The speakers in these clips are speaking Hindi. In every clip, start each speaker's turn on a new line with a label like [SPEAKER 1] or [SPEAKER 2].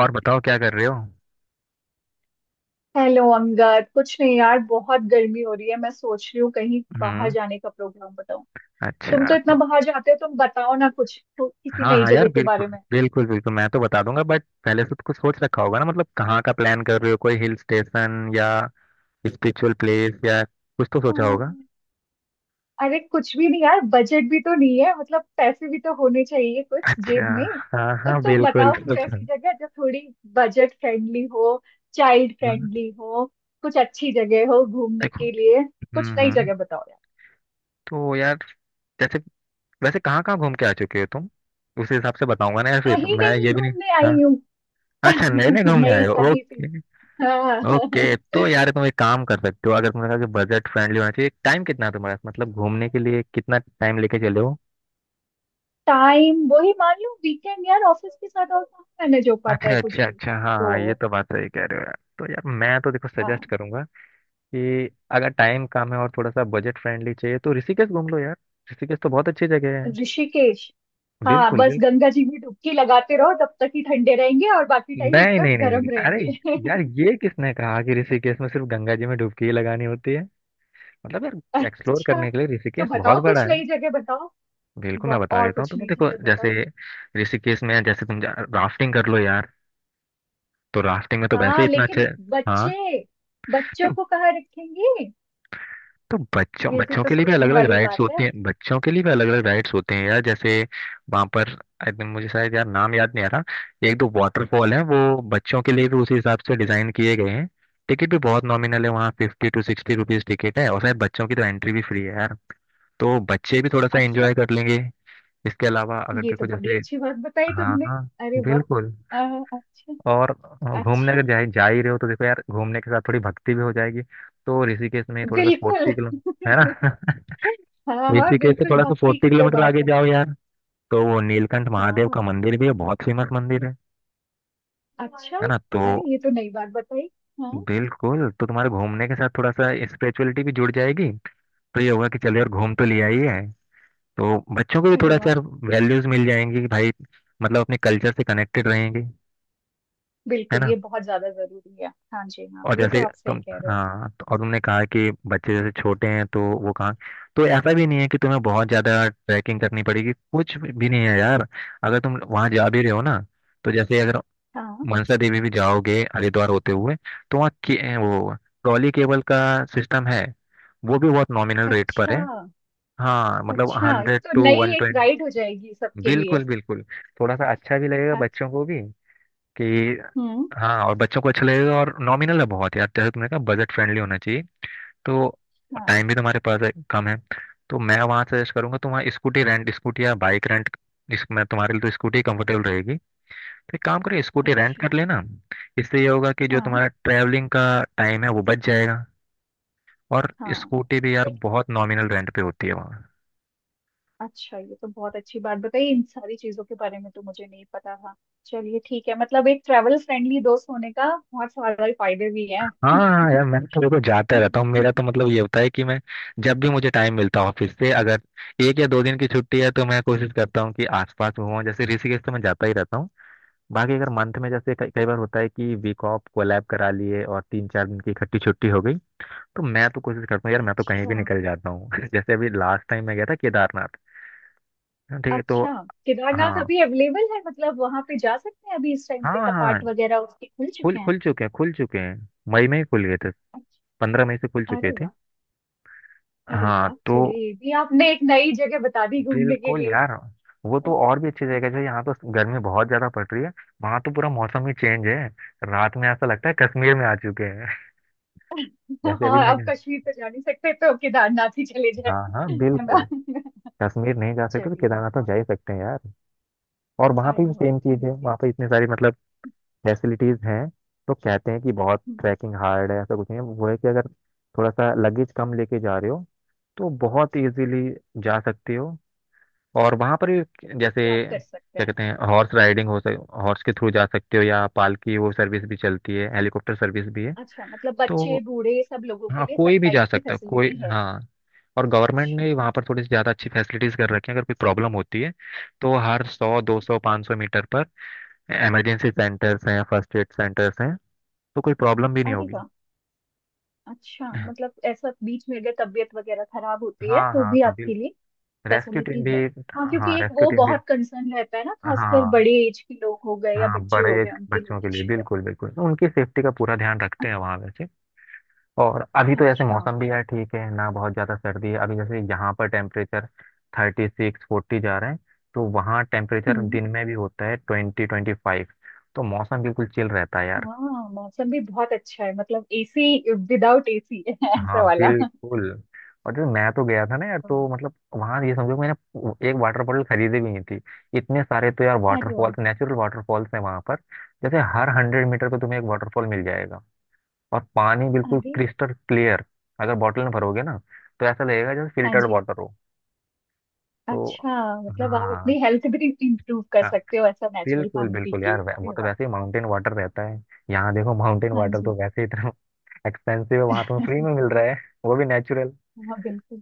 [SPEAKER 1] और बताओ क्या कर रहे हो।
[SPEAKER 2] हेलो अंगद। कुछ नहीं यार, बहुत गर्मी हो रही है। मैं सोच रही हूँ कहीं बाहर
[SPEAKER 1] हम्म।
[SPEAKER 2] जाने का, प्रोग्राम बताओ। तुम
[SPEAKER 1] अच्छा,
[SPEAKER 2] तो इतना
[SPEAKER 1] तो
[SPEAKER 2] बाहर जाते हो, तुम बताओ ना कुछ तो किसी
[SPEAKER 1] हाँ
[SPEAKER 2] नई
[SPEAKER 1] हाँ यार
[SPEAKER 2] जगह के
[SPEAKER 1] बिल्कुल।
[SPEAKER 2] बारे में।
[SPEAKER 1] बिल्कुल बिल्कुल मैं तो बता दूंगा, बट पहले से तो कुछ सोच रखा होगा ना। मतलब कहाँ का प्लान कर रहे हो, कोई हिल स्टेशन या स्पिरिचुअल प्लेस या कुछ तो सोचा
[SPEAKER 2] अम्म,
[SPEAKER 1] होगा।
[SPEAKER 2] अरे कुछ भी नहीं यार, बजट भी तो नहीं है, मतलब पैसे भी तो होने चाहिए कुछ
[SPEAKER 1] अच्छा।
[SPEAKER 2] जेब में।
[SPEAKER 1] हाँ
[SPEAKER 2] तो
[SPEAKER 1] हाँ
[SPEAKER 2] तुम
[SPEAKER 1] बिल्कुल
[SPEAKER 2] बताओ कुछ ऐसी
[SPEAKER 1] बिल्कुल।
[SPEAKER 2] जगह जो थोड़ी बजट फ्रेंडली हो, चाइल्ड
[SPEAKER 1] हम्म।
[SPEAKER 2] फ्रेंडली हो, कुछ अच्छी जगह हो घूमने
[SPEAKER 1] देखो।
[SPEAKER 2] के लिए। कुछ नई
[SPEAKER 1] हम्म।
[SPEAKER 2] जगह बताओ यार।
[SPEAKER 1] तो यार, जैसे, वैसे कहाँ कहाँ घूम के आ चुके हो तुम, उस हिसाब से बताऊंगा ना यार, फिर
[SPEAKER 2] कहीं
[SPEAKER 1] मैं ये
[SPEAKER 2] नहीं
[SPEAKER 1] भी नहीं।
[SPEAKER 2] घूमने
[SPEAKER 1] हाँ।
[SPEAKER 2] आई हूँ।
[SPEAKER 1] अच्छा, नए नए घूमने
[SPEAKER 2] नहीं,
[SPEAKER 1] आए हो,
[SPEAKER 2] सही थी।
[SPEAKER 1] ओके।
[SPEAKER 2] हाँ।
[SPEAKER 1] ओके, तो यार तुम एक काम कर सकते हो, अगर तुमने कहा कि बजट फ्रेंडली होना चाहिए, टाइम कितना है तुम्हारे पास, मतलब घूमने के लिए कितना टाइम लेके चले हो।
[SPEAKER 2] टाइम वही मान लो वीकेंड यार, ऑफिस के साथ और कहाँ मैनेज हो पाता
[SPEAKER 1] अच्छा
[SPEAKER 2] है कुछ
[SPEAKER 1] अच्छा
[SPEAKER 2] भी।
[SPEAKER 1] अच्छा,
[SPEAKER 2] तो
[SPEAKER 1] हाँ ये तो बात सही कह रहे हो यार। तो यार मैं तो देखो
[SPEAKER 2] हाँ,
[SPEAKER 1] सजेस्ट करूंगा कि अगर टाइम कम है और थोड़ा सा बजट फ्रेंडली चाहिए तो ऋषिकेश घूम लो यार। ऋषिकेश तो बहुत अच्छी जगह है।
[SPEAKER 2] ऋषिकेश। हाँ,
[SPEAKER 1] बिल्कुल
[SPEAKER 2] बस
[SPEAKER 1] बिल्कुल।
[SPEAKER 2] गंगा जी में डुबकी लगाते रहो तब तक ही ठंडे रहेंगे और बाकी टाइम
[SPEAKER 1] नहीं
[SPEAKER 2] एकदम
[SPEAKER 1] नहीं नहीं नहीं,
[SPEAKER 2] गर्म
[SPEAKER 1] अरे
[SPEAKER 2] रहेंगे
[SPEAKER 1] यार ये किसने कहा कि ऋषिकेश में सिर्फ गंगा जी में डुबकी ही लगानी होती है। मतलब यार एक्सप्लोर
[SPEAKER 2] अच्छा,
[SPEAKER 1] करने के लिए
[SPEAKER 2] तो
[SPEAKER 1] ऋषिकेश बहुत
[SPEAKER 2] बताओ
[SPEAKER 1] बड़ा
[SPEAKER 2] कुछ
[SPEAKER 1] है।
[SPEAKER 2] नई जगह बताओ।
[SPEAKER 1] बिल्कुल मैं बता
[SPEAKER 2] और
[SPEAKER 1] देता हूँ
[SPEAKER 2] कुछ
[SPEAKER 1] तुम्हें।
[SPEAKER 2] नई
[SPEAKER 1] देखो
[SPEAKER 2] जगह बताओ।
[SPEAKER 1] जैसे ऋषिकेश में जैसे तुम राफ्टिंग कर लो यार, तो राफ्टिंग में तो वैसे
[SPEAKER 2] हाँ
[SPEAKER 1] ही इतना अच्छा।
[SPEAKER 2] लेकिन
[SPEAKER 1] हाँ।
[SPEAKER 2] बच्चे, बच्चों
[SPEAKER 1] नहीं,
[SPEAKER 2] को कहाँ रखेंगे?
[SPEAKER 1] तो बच्चों
[SPEAKER 2] ये भी
[SPEAKER 1] बच्चों
[SPEAKER 2] तो
[SPEAKER 1] के लिए भी अलग
[SPEAKER 2] सोचने
[SPEAKER 1] अलग
[SPEAKER 2] वाली
[SPEAKER 1] राइड्स
[SPEAKER 2] बात
[SPEAKER 1] होते
[SPEAKER 2] है।
[SPEAKER 1] हैं, बच्चों के लिए भी अलग अलग राइड्स होते हैं यार। जैसे वहाँ पर एकदम, मुझे शायद यार नाम याद नहीं आ रहा, एक दो वाटरफॉल है वो बच्चों के लिए भी उसी हिसाब से डिजाइन किए गए हैं। टिकट भी बहुत नॉमिनल है, वहाँ 50-60 रुपीज टिकट है और शायद बच्चों की तो एंट्री भी फ्री है यार। तो बच्चे भी थोड़ा सा
[SPEAKER 2] अच्छा,
[SPEAKER 1] एंजॉय कर लेंगे। इसके अलावा अगर
[SPEAKER 2] ये तो
[SPEAKER 1] देखो
[SPEAKER 2] बड़ी
[SPEAKER 1] जैसे,
[SPEAKER 2] अच्छी बात बताई
[SPEAKER 1] हाँ
[SPEAKER 2] तुमने।
[SPEAKER 1] हाँ
[SPEAKER 2] अरे वाह।
[SPEAKER 1] बिल्कुल।
[SPEAKER 2] अच्छा।
[SPEAKER 1] और घूमने
[SPEAKER 2] अच्छा।
[SPEAKER 1] अगर जा ही जा ही रहे हो तो देखो यार घूमने के साथ थोड़ी भक्ति भी हो जाएगी। तो ऋषिकेश में थोड़ा सा
[SPEAKER 2] बिल्कुल
[SPEAKER 1] 40 किलो, है ना।
[SPEAKER 2] हाँ हाँ
[SPEAKER 1] ऋषिकेश से
[SPEAKER 2] बिल्कुल,
[SPEAKER 1] थोड़ा सा
[SPEAKER 2] भक्ति
[SPEAKER 1] फोर्टी
[SPEAKER 2] की तो
[SPEAKER 1] किलोमीटर
[SPEAKER 2] बात
[SPEAKER 1] आगे
[SPEAKER 2] है।
[SPEAKER 1] जाओ यार, तो वो नीलकंठ महादेव
[SPEAKER 2] हाँ।
[SPEAKER 1] का मंदिर भी है, बहुत फेमस मंदिर है।
[SPEAKER 2] अच्छा।
[SPEAKER 1] है ना, तो
[SPEAKER 2] अरे ये तो नई बात बताई। हाँ।
[SPEAKER 1] बिल्कुल, तो तुम्हारे घूमने के साथ थोड़ा सा स्पिरिचुअलिटी भी जुड़ जाएगी। तो ये होगा कि चलो यार, घूम तो लिया
[SPEAKER 2] अरे।
[SPEAKER 1] ही है, तो बच्चों को भी
[SPEAKER 2] अरे
[SPEAKER 1] थोड़ा सा
[SPEAKER 2] वाह।
[SPEAKER 1] यार वैल्यूज मिल जाएंगी कि भाई, मतलब अपने कल्चर से कनेक्टेड रहेंगे। है
[SPEAKER 2] बिल्कुल
[SPEAKER 1] ना।
[SPEAKER 2] ये बहुत ज्यादा जरूरी है। हाँ जी, हाँ
[SPEAKER 1] और
[SPEAKER 2] ये
[SPEAKER 1] जैसे
[SPEAKER 2] तो आप सही
[SPEAKER 1] तुम,
[SPEAKER 2] कह रहे
[SPEAKER 1] हाँ तो, और तुमने कहा कि बच्चे जैसे छोटे हैं तो वो कहाँ, तो ऐसा भी नहीं है कि तुम्हें बहुत ज्यादा ट्रैकिंग करनी पड़ेगी, कुछ भी नहीं है यार। अगर तुम वहाँ जा भी रहे हो ना, तो जैसे अगर
[SPEAKER 2] हो। हाँ।
[SPEAKER 1] मनसा देवी भी जाओगे हरिद्वार होते हुए तो वहाँ वो ट्रॉली केबल का सिस्टम है। वो भी बहुत नॉमिनल रेट पर है।
[SPEAKER 2] अच्छा।
[SPEAKER 1] हाँ मतलब
[SPEAKER 2] अच्छा, ये
[SPEAKER 1] हंड्रेड
[SPEAKER 2] तो
[SPEAKER 1] टू वन
[SPEAKER 2] नई एक
[SPEAKER 1] ट्वेंटी
[SPEAKER 2] राइड हो जाएगी सबके लिए।
[SPEAKER 1] बिल्कुल बिल्कुल। थोड़ा सा अच्छा भी लगेगा
[SPEAKER 2] अच्छा।
[SPEAKER 1] बच्चों को भी कि,
[SPEAKER 2] हम्म।
[SPEAKER 1] हाँ, और बच्चों को अच्छा लगेगा और नॉमिनल है बहुत यार। जैसे तुमने कहा बजट फ्रेंडली होना चाहिए, तो
[SPEAKER 2] हाँ।
[SPEAKER 1] टाइम भी तुम्हारे पास है, कम है। तो मैं वहाँ सजेस्ट करूंगा तुम वहाँ स्कूटी रेंट, स्कूटी या बाइक रेंट, इसमें तुम्हारे लिए तो स्कूटी कंफर्टेबल रहेगी। तो एक काम करो स्कूटी रेंट
[SPEAKER 2] अच्छा।
[SPEAKER 1] कर लेना। इससे ये होगा कि जो
[SPEAKER 2] हाँ
[SPEAKER 1] तुम्हारा ट्रैवलिंग का टाइम है वो बच जाएगा। और
[SPEAKER 2] हाँ।
[SPEAKER 1] स्कूटी भी यार बहुत नॉमिनल रेंट पे होती है वहाँ।
[SPEAKER 2] अच्छा, ये तो बहुत अच्छी बात बताई, इन सारी चीजों के बारे में तो मुझे नहीं पता था। चलिए ठीक है, मतलब एक ट्रैवल फ्रेंडली दोस्त होने का बहुत सारे फायदे भी हैं।
[SPEAKER 1] हाँ हाँ हाँ, यार मैं तो देखो जाता रहता हूँ। मेरा तो मतलब ये होता है कि मैं, जब भी मुझे टाइम मिलता है ऑफिस से, अगर एक या दो दिन की छुट्टी है तो मैं कोशिश करता हूँ कि आसपास घूमूं। जैसे ऋषिकेश तो मैं जाता ही रहता हूँ। बाकी अगर मंथ में जैसे कई कई बार होता है कि वीक ऑफ कोलैब करा लिए और तीन चार दिन की इकट्ठी छुट्टी हो गई, तो मैं तो कोशिश करता हूँ यार, मैं तो कहीं
[SPEAKER 2] अच्छा।
[SPEAKER 1] भी निकल जाता हूँ। जैसे अभी लास्ट टाइम मैं गया था केदारनाथ। हाँ, ठीक है, तो
[SPEAKER 2] अच्छा, केदारनाथ
[SPEAKER 1] हाँ
[SPEAKER 2] अभी अवेलेबल है, मतलब वहां पे जा सकते हैं अभी इस टाइम पे?
[SPEAKER 1] हाँ हाँ,
[SPEAKER 2] कपाट वगैरह उसके खुल
[SPEAKER 1] खुल
[SPEAKER 2] चुके हैं?
[SPEAKER 1] खुल चुके हैं खुल चुके हैं, मई में ही खुल गए थे।
[SPEAKER 2] अच्छा।
[SPEAKER 1] 15 मई से खुल चुके
[SPEAKER 2] अरे
[SPEAKER 1] थे।
[SPEAKER 2] वाह। अरे
[SPEAKER 1] हाँ
[SPEAKER 2] वाह,
[SPEAKER 1] तो
[SPEAKER 2] चलिए ये भी आपने एक नई जगह बता दी घूमने के
[SPEAKER 1] बिल्कुल
[SPEAKER 2] लिए।
[SPEAKER 1] यार, वो तो और भी अच्छी जगह है। जैसे यहाँ तो गर्मी बहुत ज्यादा पड़ रही है, वहां तो पूरा मौसम ही चेंज है। रात में ऐसा लगता है कश्मीर में आ चुके हैं। जैसे अभी
[SPEAKER 2] हाँ,
[SPEAKER 1] मैं,
[SPEAKER 2] अब कश्मीर तो जा नहीं सकते तो केदारनाथ ही चले जाए।
[SPEAKER 1] हाँ हाँ
[SPEAKER 2] है ना?
[SPEAKER 1] बिल्कुल, कश्मीर नहीं जा सकते तो
[SPEAKER 2] चलिए
[SPEAKER 1] केदारनाथ तो
[SPEAKER 2] बहुत।
[SPEAKER 1] जा ही सकते हैं यार। और वहाँ पे
[SPEAKER 2] अरे
[SPEAKER 1] भी
[SPEAKER 2] वाह।
[SPEAKER 1] सेम चीज है। वहाँ पे इतनी सारी मतलब फैसिलिटीज हैं। तो कहते हैं कि बहुत ट्रैकिंग हार्ड है, ऐसा कुछ नहीं है। वो है कि अगर थोड़ा सा लगेज कम लेके जा रहे हो तो बहुत इजीली जा सकते हो। और वहां पर भी जैसे
[SPEAKER 2] ट्रैक कर सकते
[SPEAKER 1] क्या
[SPEAKER 2] हैं।
[SPEAKER 1] कहते हैं, हॉर्स राइडिंग, हो सक, हॉर्स के थ्रू जा सकते हो, या पालकी वो सर्विस भी चलती है, हेलीकॉप्टर सर्विस भी है।
[SPEAKER 2] अच्छा, मतलब बच्चे
[SPEAKER 1] तो
[SPEAKER 2] बूढ़े सब लोगों के
[SPEAKER 1] हाँ
[SPEAKER 2] लिए सब
[SPEAKER 1] कोई भी जा
[SPEAKER 2] टाइप की
[SPEAKER 1] सकता है, कोई,
[SPEAKER 2] फैसिलिटी है।
[SPEAKER 1] हाँ। और गवर्नमेंट
[SPEAKER 2] अच्छा।
[SPEAKER 1] ने वहाँ पर थोड़ी सी ज़्यादा अच्छी फैसिलिटीज़ कर रखी हैं। अगर कोई प्रॉब्लम होती है तो हर 100, 200, 500 मीटर पर इमरजेंसी सेंटर्स हैं, फर्स्ट एड सेंटर्स हैं, तो कोई प्रॉब्लम भी नहीं
[SPEAKER 2] अरे
[SPEAKER 1] होगी।
[SPEAKER 2] वाह। अच्छा,
[SPEAKER 1] हाँ
[SPEAKER 2] मतलब ऐसा बीच में अगर तबीयत वगैरह खराब होती है
[SPEAKER 1] हाँ
[SPEAKER 2] तो
[SPEAKER 1] हाँ
[SPEAKER 2] भी आपके लिए
[SPEAKER 1] बिल्कुल। रेस्क्यू टीम
[SPEAKER 2] फैसिलिटी
[SPEAKER 1] भी,
[SPEAKER 2] है। हाँ,
[SPEAKER 1] हाँ
[SPEAKER 2] क्योंकि एक
[SPEAKER 1] रेस्क्यू
[SPEAKER 2] वो
[SPEAKER 1] टीम भी।
[SPEAKER 2] बहुत कंसर्न रहता है ना, खासकर
[SPEAKER 1] हाँ
[SPEAKER 2] बड़े एज के लोग हो गए या
[SPEAKER 1] हाँ,
[SPEAKER 2] बच्चे
[SPEAKER 1] बड़े
[SPEAKER 2] हो
[SPEAKER 1] एज
[SPEAKER 2] गए,
[SPEAKER 1] के
[SPEAKER 2] उनके लिए
[SPEAKER 1] बच्चों के लिए
[SPEAKER 2] इश्यू है।
[SPEAKER 1] बिल्कुल बिल्कुल, तो उनकी सेफ्टी का पूरा ध्यान रखते हैं वहाँ वैसे। और अभी तो ऐसे
[SPEAKER 2] अच्छा।
[SPEAKER 1] मौसम भी है, ठीक है ना, बहुत ज़्यादा सर्दी है, अभी जैसे यहाँ पर टेम्परेचर 36-40 जा रहे हैं, तो वहाँ टेम्परेचर
[SPEAKER 2] हम्म।
[SPEAKER 1] दिन में भी होता है 20-25, तो मौसम बिल्कुल चिल रहता है यार।
[SPEAKER 2] हाँ, मौसम भी बहुत अच्छा है, मतलब एसी विदाउट एसी ऐसा
[SPEAKER 1] हाँ
[SPEAKER 2] वाला।
[SPEAKER 1] बिल्कुल। और जैसे मैं तो गया था ना यार
[SPEAKER 2] हम्म।
[SPEAKER 1] तो मतलब वहाँ ये समझो मैंने एक वाटर बॉटल खरीदी भी नहीं थी। इतने सारे तो यार
[SPEAKER 2] अरे वाह।
[SPEAKER 1] वाटरफॉल्स, नेचुरल वाटरफॉल्स हैं वहाँ पर। जैसे हर 100 मीटर पे तुम्हें एक वाटरफॉल मिल जाएगा और पानी बिल्कुल
[SPEAKER 2] अरे।
[SPEAKER 1] Crystal clear. अगर बॉटल में भरोगे ना तो ऐसा लगेगा जैसे
[SPEAKER 2] हाँ
[SPEAKER 1] फिल्टर्ड
[SPEAKER 2] जी।
[SPEAKER 1] वाटर हो। तो,
[SPEAKER 2] अच्छा, मतलब आप
[SPEAKER 1] हाँ
[SPEAKER 2] अपनी हेल्थ भी इंप्रूव कर
[SPEAKER 1] हाँ
[SPEAKER 2] सकते हो ऐसा नेचुरल
[SPEAKER 1] बिल्कुल
[SPEAKER 2] पानी पी
[SPEAKER 1] बिल्कुल
[SPEAKER 2] के।
[SPEAKER 1] यार,
[SPEAKER 2] अरे
[SPEAKER 1] वो तो
[SPEAKER 2] वाह।
[SPEAKER 1] वैसे ही माउंटेन वाटर रहता है। यहाँ देखो माउंटेन
[SPEAKER 2] हाँ
[SPEAKER 1] वाटर तो
[SPEAKER 2] जी।
[SPEAKER 1] वैसे ही इतना एक्सपेंसिव है, वहाँ तुम्हें फ्री में मिल रहा है, वो भी नेचुरल।
[SPEAKER 2] हाँ बिल्कुल।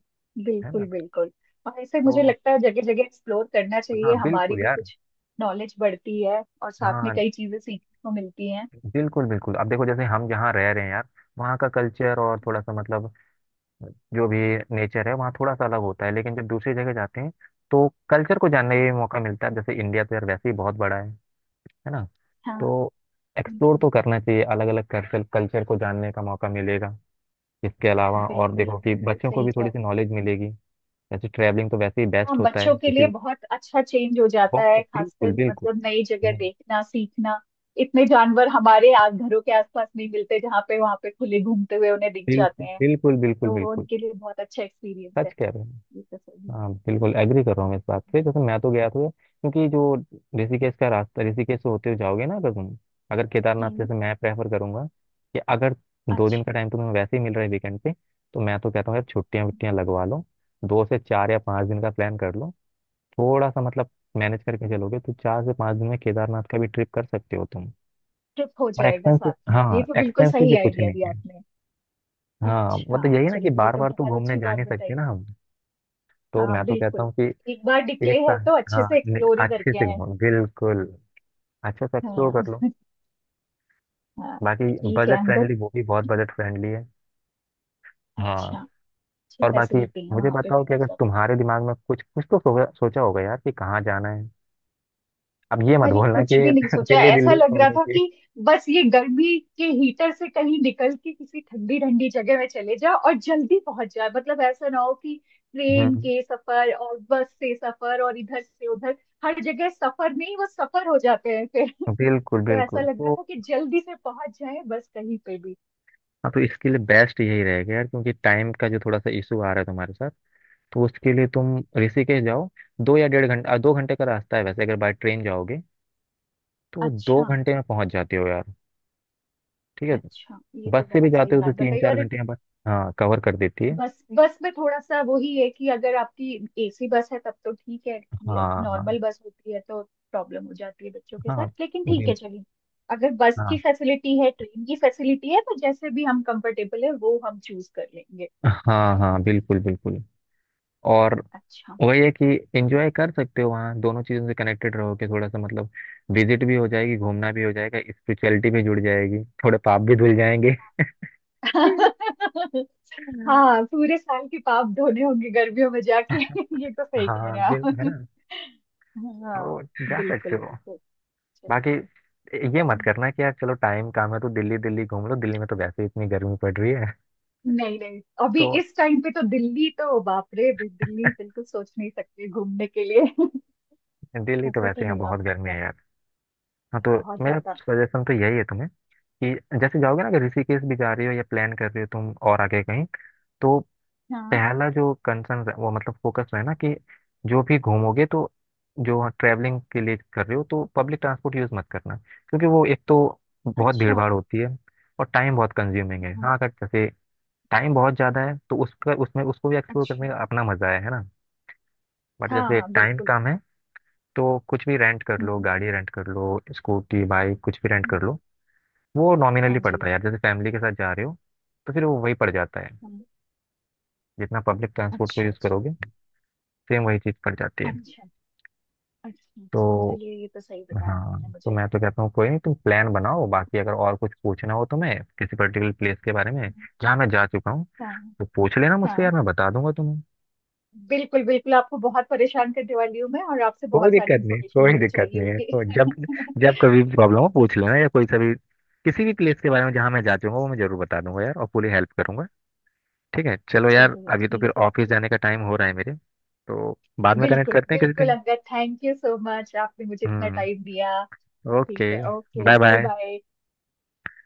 [SPEAKER 1] है
[SPEAKER 2] बिल्कुल
[SPEAKER 1] ना,
[SPEAKER 2] बिल्कुल। और ऐसे मुझे
[SPEAKER 1] तो
[SPEAKER 2] लगता है जगह जगह एक्सप्लोर करना
[SPEAKER 1] हाँ
[SPEAKER 2] चाहिए, हमारी
[SPEAKER 1] बिल्कुल
[SPEAKER 2] भी
[SPEAKER 1] यार।
[SPEAKER 2] कुछ नॉलेज बढ़ती है और साथ में
[SPEAKER 1] हाँ
[SPEAKER 2] कई चीजें सीखने को मिलती हैं।
[SPEAKER 1] बिल्कुल बिल्कुल, अब देखो जैसे हम जहाँ रह रहे हैं यार, वहाँ का कल्चर और थोड़ा
[SPEAKER 2] हाँ।
[SPEAKER 1] सा मतलब जो भी नेचर है वहाँ थोड़ा सा अलग होता है, लेकिन जब दूसरी जगह जाते हैं तो कल्चर को जानने का भी मौका मिलता है। जैसे इंडिया तो यार वैसे ही बहुत बड़ा है ना,
[SPEAKER 2] हाँ
[SPEAKER 1] तो एक्सप्लोर
[SPEAKER 2] जी।
[SPEAKER 1] तो करना चाहिए, अलग अलग कल्चर, कल्चर को जानने का मौका मिलेगा। इसके अलावा और
[SPEAKER 2] बिल्कुल, आप
[SPEAKER 1] देखो कि
[SPEAKER 2] बिल्कुल
[SPEAKER 1] बच्चों को
[SPEAKER 2] सही
[SPEAKER 1] भी
[SPEAKER 2] कह
[SPEAKER 1] थोड़ी
[SPEAKER 2] रहे
[SPEAKER 1] सी
[SPEAKER 2] हैं।
[SPEAKER 1] नॉलेज मिलेगी। वैसे ट्रैवलिंग तो वैसे ही बेस्ट
[SPEAKER 2] हाँ,
[SPEAKER 1] होता
[SPEAKER 2] बच्चों
[SPEAKER 1] है
[SPEAKER 2] के
[SPEAKER 1] किसी
[SPEAKER 2] लिए
[SPEAKER 1] भी।
[SPEAKER 2] बहुत अच्छा चेंज हो जाता है,
[SPEAKER 1] बहुत बिल्कुल
[SPEAKER 2] खासकर
[SPEAKER 1] बिल्कुल।
[SPEAKER 2] मतलब नई जगह
[SPEAKER 1] हम्म।
[SPEAKER 2] देखना सीखना। इतने जानवर हमारे घरों के आसपास नहीं मिलते, जहाँ पे वहाँ पे खुले घूमते हुए उन्हें दिख जाते
[SPEAKER 1] बिल्कुल
[SPEAKER 2] हैं।
[SPEAKER 1] बिल्कुल बिल्कुल
[SPEAKER 2] तो वो
[SPEAKER 1] बिल्कुल,
[SPEAKER 2] उनके लिए बहुत अच्छा एक्सपीरियंस
[SPEAKER 1] सच
[SPEAKER 2] है।
[SPEAKER 1] कह रहे हो।
[SPEAKER 2] ये तो सही।
[SPEAKER 1] हाँ बिल्कुल
[SPEAKER 2] हाँ।
[SPEAKER 1] एग्री कर रहा हूँ मैं इस बात से। जैसे मैं तो गया था क्योंकि जो ऋषिकेश का रास्ता, ऋषिकेश से होते हुए जाओगे ना अगर तुम, अगर केदारनाथ,
[SPEAKER 2] हम्म।
[SPEAKER 1] जैसे मैं प्रेफर करूंगा कि अगर दो दिन
[SPEAKER 2] अच्छा।
[SPEAKER 1] का टाइम तुम्हें वैसे ही मिल रहा है वीकेंड पे, तो मैं तो कहता हूँ यार छुट्टियाँ वुट्टियाँ लगवा लो, दो से चार या पाँच दिन का प्लान कर लो। थोड़ा सा मतलब मैनेज करके चलोगे तो चार से पाँच दिन में केदारनाथ का भी ट्रिप कर सकते हो तुम।
[SPEAKER 2] ट्रिप हो
[SPEAKER 1] और
[SPEAKER 2] जाएगा
[SPEAKER 1] एक्सपेंसिव,
[SPEAKER 2] साथ में, ये
[SPEAKER 1] हाँ
[SPEAKER 2] तो बिल्कुल
[SPEAKER 1] एक्सपेंसिव
[SPEAKER 2] सही
[SPEAKER 1] भी कुछ
[SPEAKER 2] आइडिया
[SPEAKER 1] नहीं
[SPEAKER 2] दिया
[SPEAKER 1] है।
[SPEAKER 2] आपने।
[SPEAKER 1] हाँ
[SPEAKER 2] अच्छा,
[SPEAKER 1] मतलब यही ना कि
[SPEAKER 2] चलिए ये
[SPEAKER 1] बार
[SPEAKER 2] तो
[SPEAKER 1] बार तो
[SPEAKER 2] बहुत
[SPEAKER 1] घूमने
[SPEAKER 2] अच्छी
[SPEAKER 1] जा
[SPEAKER 2] बात
[SPEAKER 1] नहीं सकते
[SPEAKER 2] बताई।
[SPEAKER 1] ना हम। तो मैं
[SPEAKER 2] हाँ
[SPEAKER 1] तो कहता
[SPEAKER 2] बिल्कुल,
[SPEAKER 1] हूँ कि
[SPEAKER 2] एक बार निकले
[SPEAKER 1] एक
[SPEAKER 2] हैं
[SPEAKER 1] साथ,
[SPEAKER 2] तो अच्छे
[SPEAKER 1] हाँ,
[SPEAKER 2] से एक्सप्लोर ही
[SPEAKER 1] अच्छे
[SPEAKER 2] करके
[SPEAKER 1] से
[SPEAKER 2] आए।
[SPEAKER 1] घूमो, बिल्कुल अच्छा सा एक्सप्लोर
[SPEAKER 2] हाँ।
[SPEAKER 1] कर लो।
[SPEAKER 2] हाँ।
[SPEAKER 1] बाकी
[SPEAKER 2] ठीक है
[SPEAKER 1] बजट
[SPEAKER 2] अंगद।
[SPEAKER 1] फ्रेंडली, वो भी बहुत बजट फ्रेंडली है।
[SPEAKER 2] अच्छा।
[SPEAKER 1] हाँ।
[SPEAKER 2] अच्छी
[SPEAKER 1] और बाकी
[SPEAKER 2] फैसिलिटी है
[SPEAKER 1] मुझे
[SPEAKER 2] वहां पे
[SPEAKER 1] बताओ
[SPEAKER 2] भी
[SPEAKER 1] कि अगर
[SPEAKER 2] मतलब।
[SPEAKER 1] तुम्हारे दिमाग में कुछ कुछ तो सोचा होगा यार कि कहाँ जाना है। अब ये मत
[SPEAKER 2] अरे
[SPEAKER 1] बोलना
[SPEAKER 2] कुछ
[SPEAKER 1] कि
[SPEAKER 2] भी नहीं सोचा,
[SPEAKER 1] दिल्ली
[SPEAKER 2] ऐसा
[SPEAKER 1] दिल्ली
[SPEAKER 2] लग रहा
[SPEAKER 1] घूमने
[SPEAKER 2] था
[SPEAKER 1] की।
[SPEAKER 2] कि बस ये गर्मी के हीटर से कहीं निकल के किसी ठंडी ठंडी जगह में चले जाओ और जल्दी पहुंच जाए, मतलब ऐसा ना हो कि ट्रेन
[SPEAKER 1] हम्म।
[SPEAKER 2] के सफर और बस से सफर और इधर से उधर हर जगह सफर नहीं, वो सफर हो जाते हैं फिर
[SPEAKER 1] बिल्कुल
[SPEAKER 2] तो ऐसा
[SPEAKER 1] बिल्कुल,
[SPEAKER 2] लग रहा
[SPEAKER 1] तो
[SPEAKER 2] था कि जल्दी से पहुंच जाए बस कहीं पे भी।
[SPEAKER 1] हाँ तो इसके लिए बेस्ट यही रहेगा यार, क्योंकि टाइम का जो थोड़ा सा इशू आ रहा है तुम्हारे साथ, तो उसके लिए तुम ऋषिकेश जाओ। दो या डेढ़ घंटा, दो घंटे का रास्ता है वैसे, अगर बाय ट्रेन जाओगे तो दो
[SPEAKER 2] अच्छा।
[SPEAKER 1] घंटे में पहुंच जाते हो यार। ठीक है।
[SPEAKER 2] अच्छा, ये
[SPEAKER 1] बस
[SPEAKER 2] तो
[SPEAKER 1] से भी
[SPEAKER 2] बहुत सही
[SPEAKER 1] जाते हो तो
[SPEAKER 2] बात
[SPEAKER 1] तीन
[SPEAKER 2] बताई।
[SPEAKER 1] चार
[SPEAKER 2] और
[SPEAKER 1] घंटे में बस, हाँ, कवर कर देती है।
[SPEAKER 2] बस, बस में थोड़ा सा वही है कि अगर आपकी एसी बस है तब तो ठीक है। लाइक
[SPEAKER 1] हाँ
[SPEAKER 2] नॉर्मल बस होती है तो प्रॉब्लम हो जाती है बच्चों के
[SPEAKER 1] हाँ
[SPEAKER 2] साथ,
[SPEAKER 1] हाँ
[SPEAKER 2] लेकिन ठीक
[SPEAKER 1] बिल-
[SPEAKER 2] है चलिए। अगर बस की
[SPEAKER 1] हाँ
[SPEAKER 2] फैसिलिटी है ट्रेन की फैसिलिटी है तो जैसे भी हम कंफर्टेबल है वो हम चूज कर लेंगे।
[SPEAKER 1] हाँ हाँ बिल्कुल बिल्कुल। और
[SPEAKER 2] अच्छा।
[SPEAKER 1] वही है कि एंजॉय कर सकते हो वहाँ, दोनों चीज़ों से कनेक्टेड रहोगे थोड़ा सा मतलब, विजिट भी हो जाएगी, घूमना भी हो जाएगा, स्पिरिचुअलिटी भी जुड़ जाएगी, थोड़े पाप भी धुल जाएंगे।
[SPEAKER 2] हाँ, पूरे साल के पाप धोने होंगे गर्मियों में जाके ये तो सही कह
[SPEAKER 1] हाँ,
[SPEAKER 2] रहे हैं
[SPEAKER 1] बिल, है
[SPEAKER 2] आप।
[SPEAKER 1] ना,
[SPEAKER 2] हाँ
[SPEAKER 1] तो जा सकते
[SPEAKER 2] बिल्कुल।
[SPEAKER 1] हो।
[SPEAKER 2] बिल्कुल
[SPEAKER 1] बाकी
[SPEAKER 2] चलिए।
[SPEAKER 1] ये मत
[SPEAKER 2] ठीक।
[SPEAKER 1] करना कि यार चलो टाइम काम है तो दिल्ली दिल्ली घूम लो, दिल्ली में तो वैसे ही इतनी गर्मी पड़ रही है,
[SPEAKER 2] नहीं नहीं, अभी
[SPEAKER 1] तो
[SPEAKER 2] इस टाइम पे तो दिल्ली तो, बाप रे, भी दिल्ली बिल्कुल सोच नहीं सकती घूमने के लिए
[SPEAKER 1] दिल्ली तो
[SPEAKER 2] ऐसा तो
[SPEAKER 1] वैसे यहाँ
[SPEAKER 2] नहीं हो
[SPEAKER 1] बहुत गर्मी
[SPEAKER 2] सकता।
[SPEAKER 1] है यार। हाँ तो
[SPEAKER 2] बहुत
[SPEAKER 1] मेरा
[SPEAKER 2] ज्यादा।
[SPEAKER 1] सजेशन तो यही है तुम्हें, कि जैसे जाओगे ना अगर ऋषिकेश भी जा रही हो या प्लान कर रही हो तुम और आगे कहीं, तो
[SPEAKER 2] हाँ।
[SPEAKER 1] पहला जो कंसर्न वो मतलब फोकस है ना, कि जो भी घूमोगे तो जो ट्रैवलिंग के लिए कर रहे हो, तो पब्लिक ट्रांसपोर्ट यूज़ मत करना, क्योंकि वो एक तो बहुत भीड़
[SPEAKER 2] अच्छा।
[SPEAKER 1] भाड़ होती है और टाइम बहुत कंज्यूमिंग है।
[SPEAKER 2] हाँ।
[SPEAKER 1] हाँ अगर जैसे टाइम बहुत ज़्यादा है तो उसका उसमें उसको भी एक्सप्लोर
[SPEAKER 2] अच्छा।
[SPEAKER 1] करने का अपना मज़ा है ना। बट
[SPEAKER 2] हाँ
[SPEAKER 1] जैसे
[SPEAKER 2] हाँ
[SPEAKER 1] टाइम
[SPEAKER 2] बिल्कुल।
[SPEAKER 1] कम है तो कुछ भी रेंट कर लो,
[SPEAKER 2] हम्म।
[SPEAKER 1] गाड़ी रेंट कर लो, स्कूटी बाइक कुछ भी रेंट
[SPEAKER 2] हम्म।
[SPEAKER 1] कर लो। वो नॉमिनली
[SPEAKER 2] हाँ जी।
[SPEAKER 1] पड़ता है यार, जैसे फैमिली के साथ जा रहे हो तो फिर वो वही पड़ जाता है
[SPEAKER 2] हम्म।
[SPEAKER 1] जितना पब्लिक ट्रांसपोर्ट को
[SPEAKER 2] अच्छा।
[SPEAKER 1] यूज़ करोगे,
[SPEAKER 2] अच्छा।
[SPEAKER 1] सेम वही चीज़ पड़ जाती है।
[SPEAKER 2] अच्छा। अच्छा, अच्छा
[SPEAKER 1] तो
[SPEAKER 2] चलिए ये तो सही बताया
[SPEAKER 1] हाँ,
[SPEAKER 2] आपने
[SPEAKER 1] तो
[SPEAKER 2] मुझे।
[SPEAKER 1] मैं तो कहता हूँ कोई नहीं, तुम प्लान बनाओ, बाकी अगर और कुछ पूछना हो तुम्हें किसी पर्टिकुलर प्लेस के बारे में
[SPEAKER 2] हम्म।
[SPEAKER 1] जहाँ मैं जा चुका हूँ,
[SPEAKER 2] हाँ
[SPEAKER 1] तो पूछ लेना मुझसे
[SPEAKER 2] हाँ,
[SPEAKER 1] यार मैं बता दूंगा तुम्हें।
[SPEAKER 2] बिल्कुल बिल्कुल, आपको बहुत परेशान करने वाली हूँ मैं और आपसे
[SPEAKER 1] कोई
[SPEAKER 2] बहुत सारी
[SPEAKER 1] दिक्कत नहीं,
[SPEAKER 2] इन्फॉर्मेशन
[SPEAKER 1] कोई
[SPEAKER 2] मुझे
[SPEAKER 1] दिक्कत
[SPEAKER 2] चाहिए
[SPEAKER 1] नहीं है
[SPEAKER 2] होगी।
[SPEAKER 1] तो, जब जब कभी भी प्रॉब्लम हो पूछ लेना, या कोई सा भी किसी भी प्लेस के बारे में जहाँ मैं जा चुका हूँ वो मैं जरूर बता दूंगा यार और पूरी हेल्प करूंगा। ठीक है चलो यार,
[SPEAKER 2] चलिए
[SPEAKER 1] अभी तो फिर
[SPEAKER 2] ठीक है।
[SPEAKER 1] ऑफिस जाने का टाइम हो रहा है मेरे, तो बाद में कनेक्ट
[SPEAKER 2] बिल्कुल
[SPEAKER 1] करते हैं किसी
[SPEAKER 2] बिल्कुल
[SPEAKER 1] दिन।
[SPEAKER 2] Angad, thank you so much, आपने मुझे इतना
[SPEAKER 1] हम्म।
[SPEAKER 2] टाइम दिया। ठीक
[SPEAKER 1] ओके,
[SPEAKER 2] है, okay
[SPEAKER 1] bye
[SPEAKER 2] bye
[SPEAKER 1] bye.
[SPEAKER 2] Bye.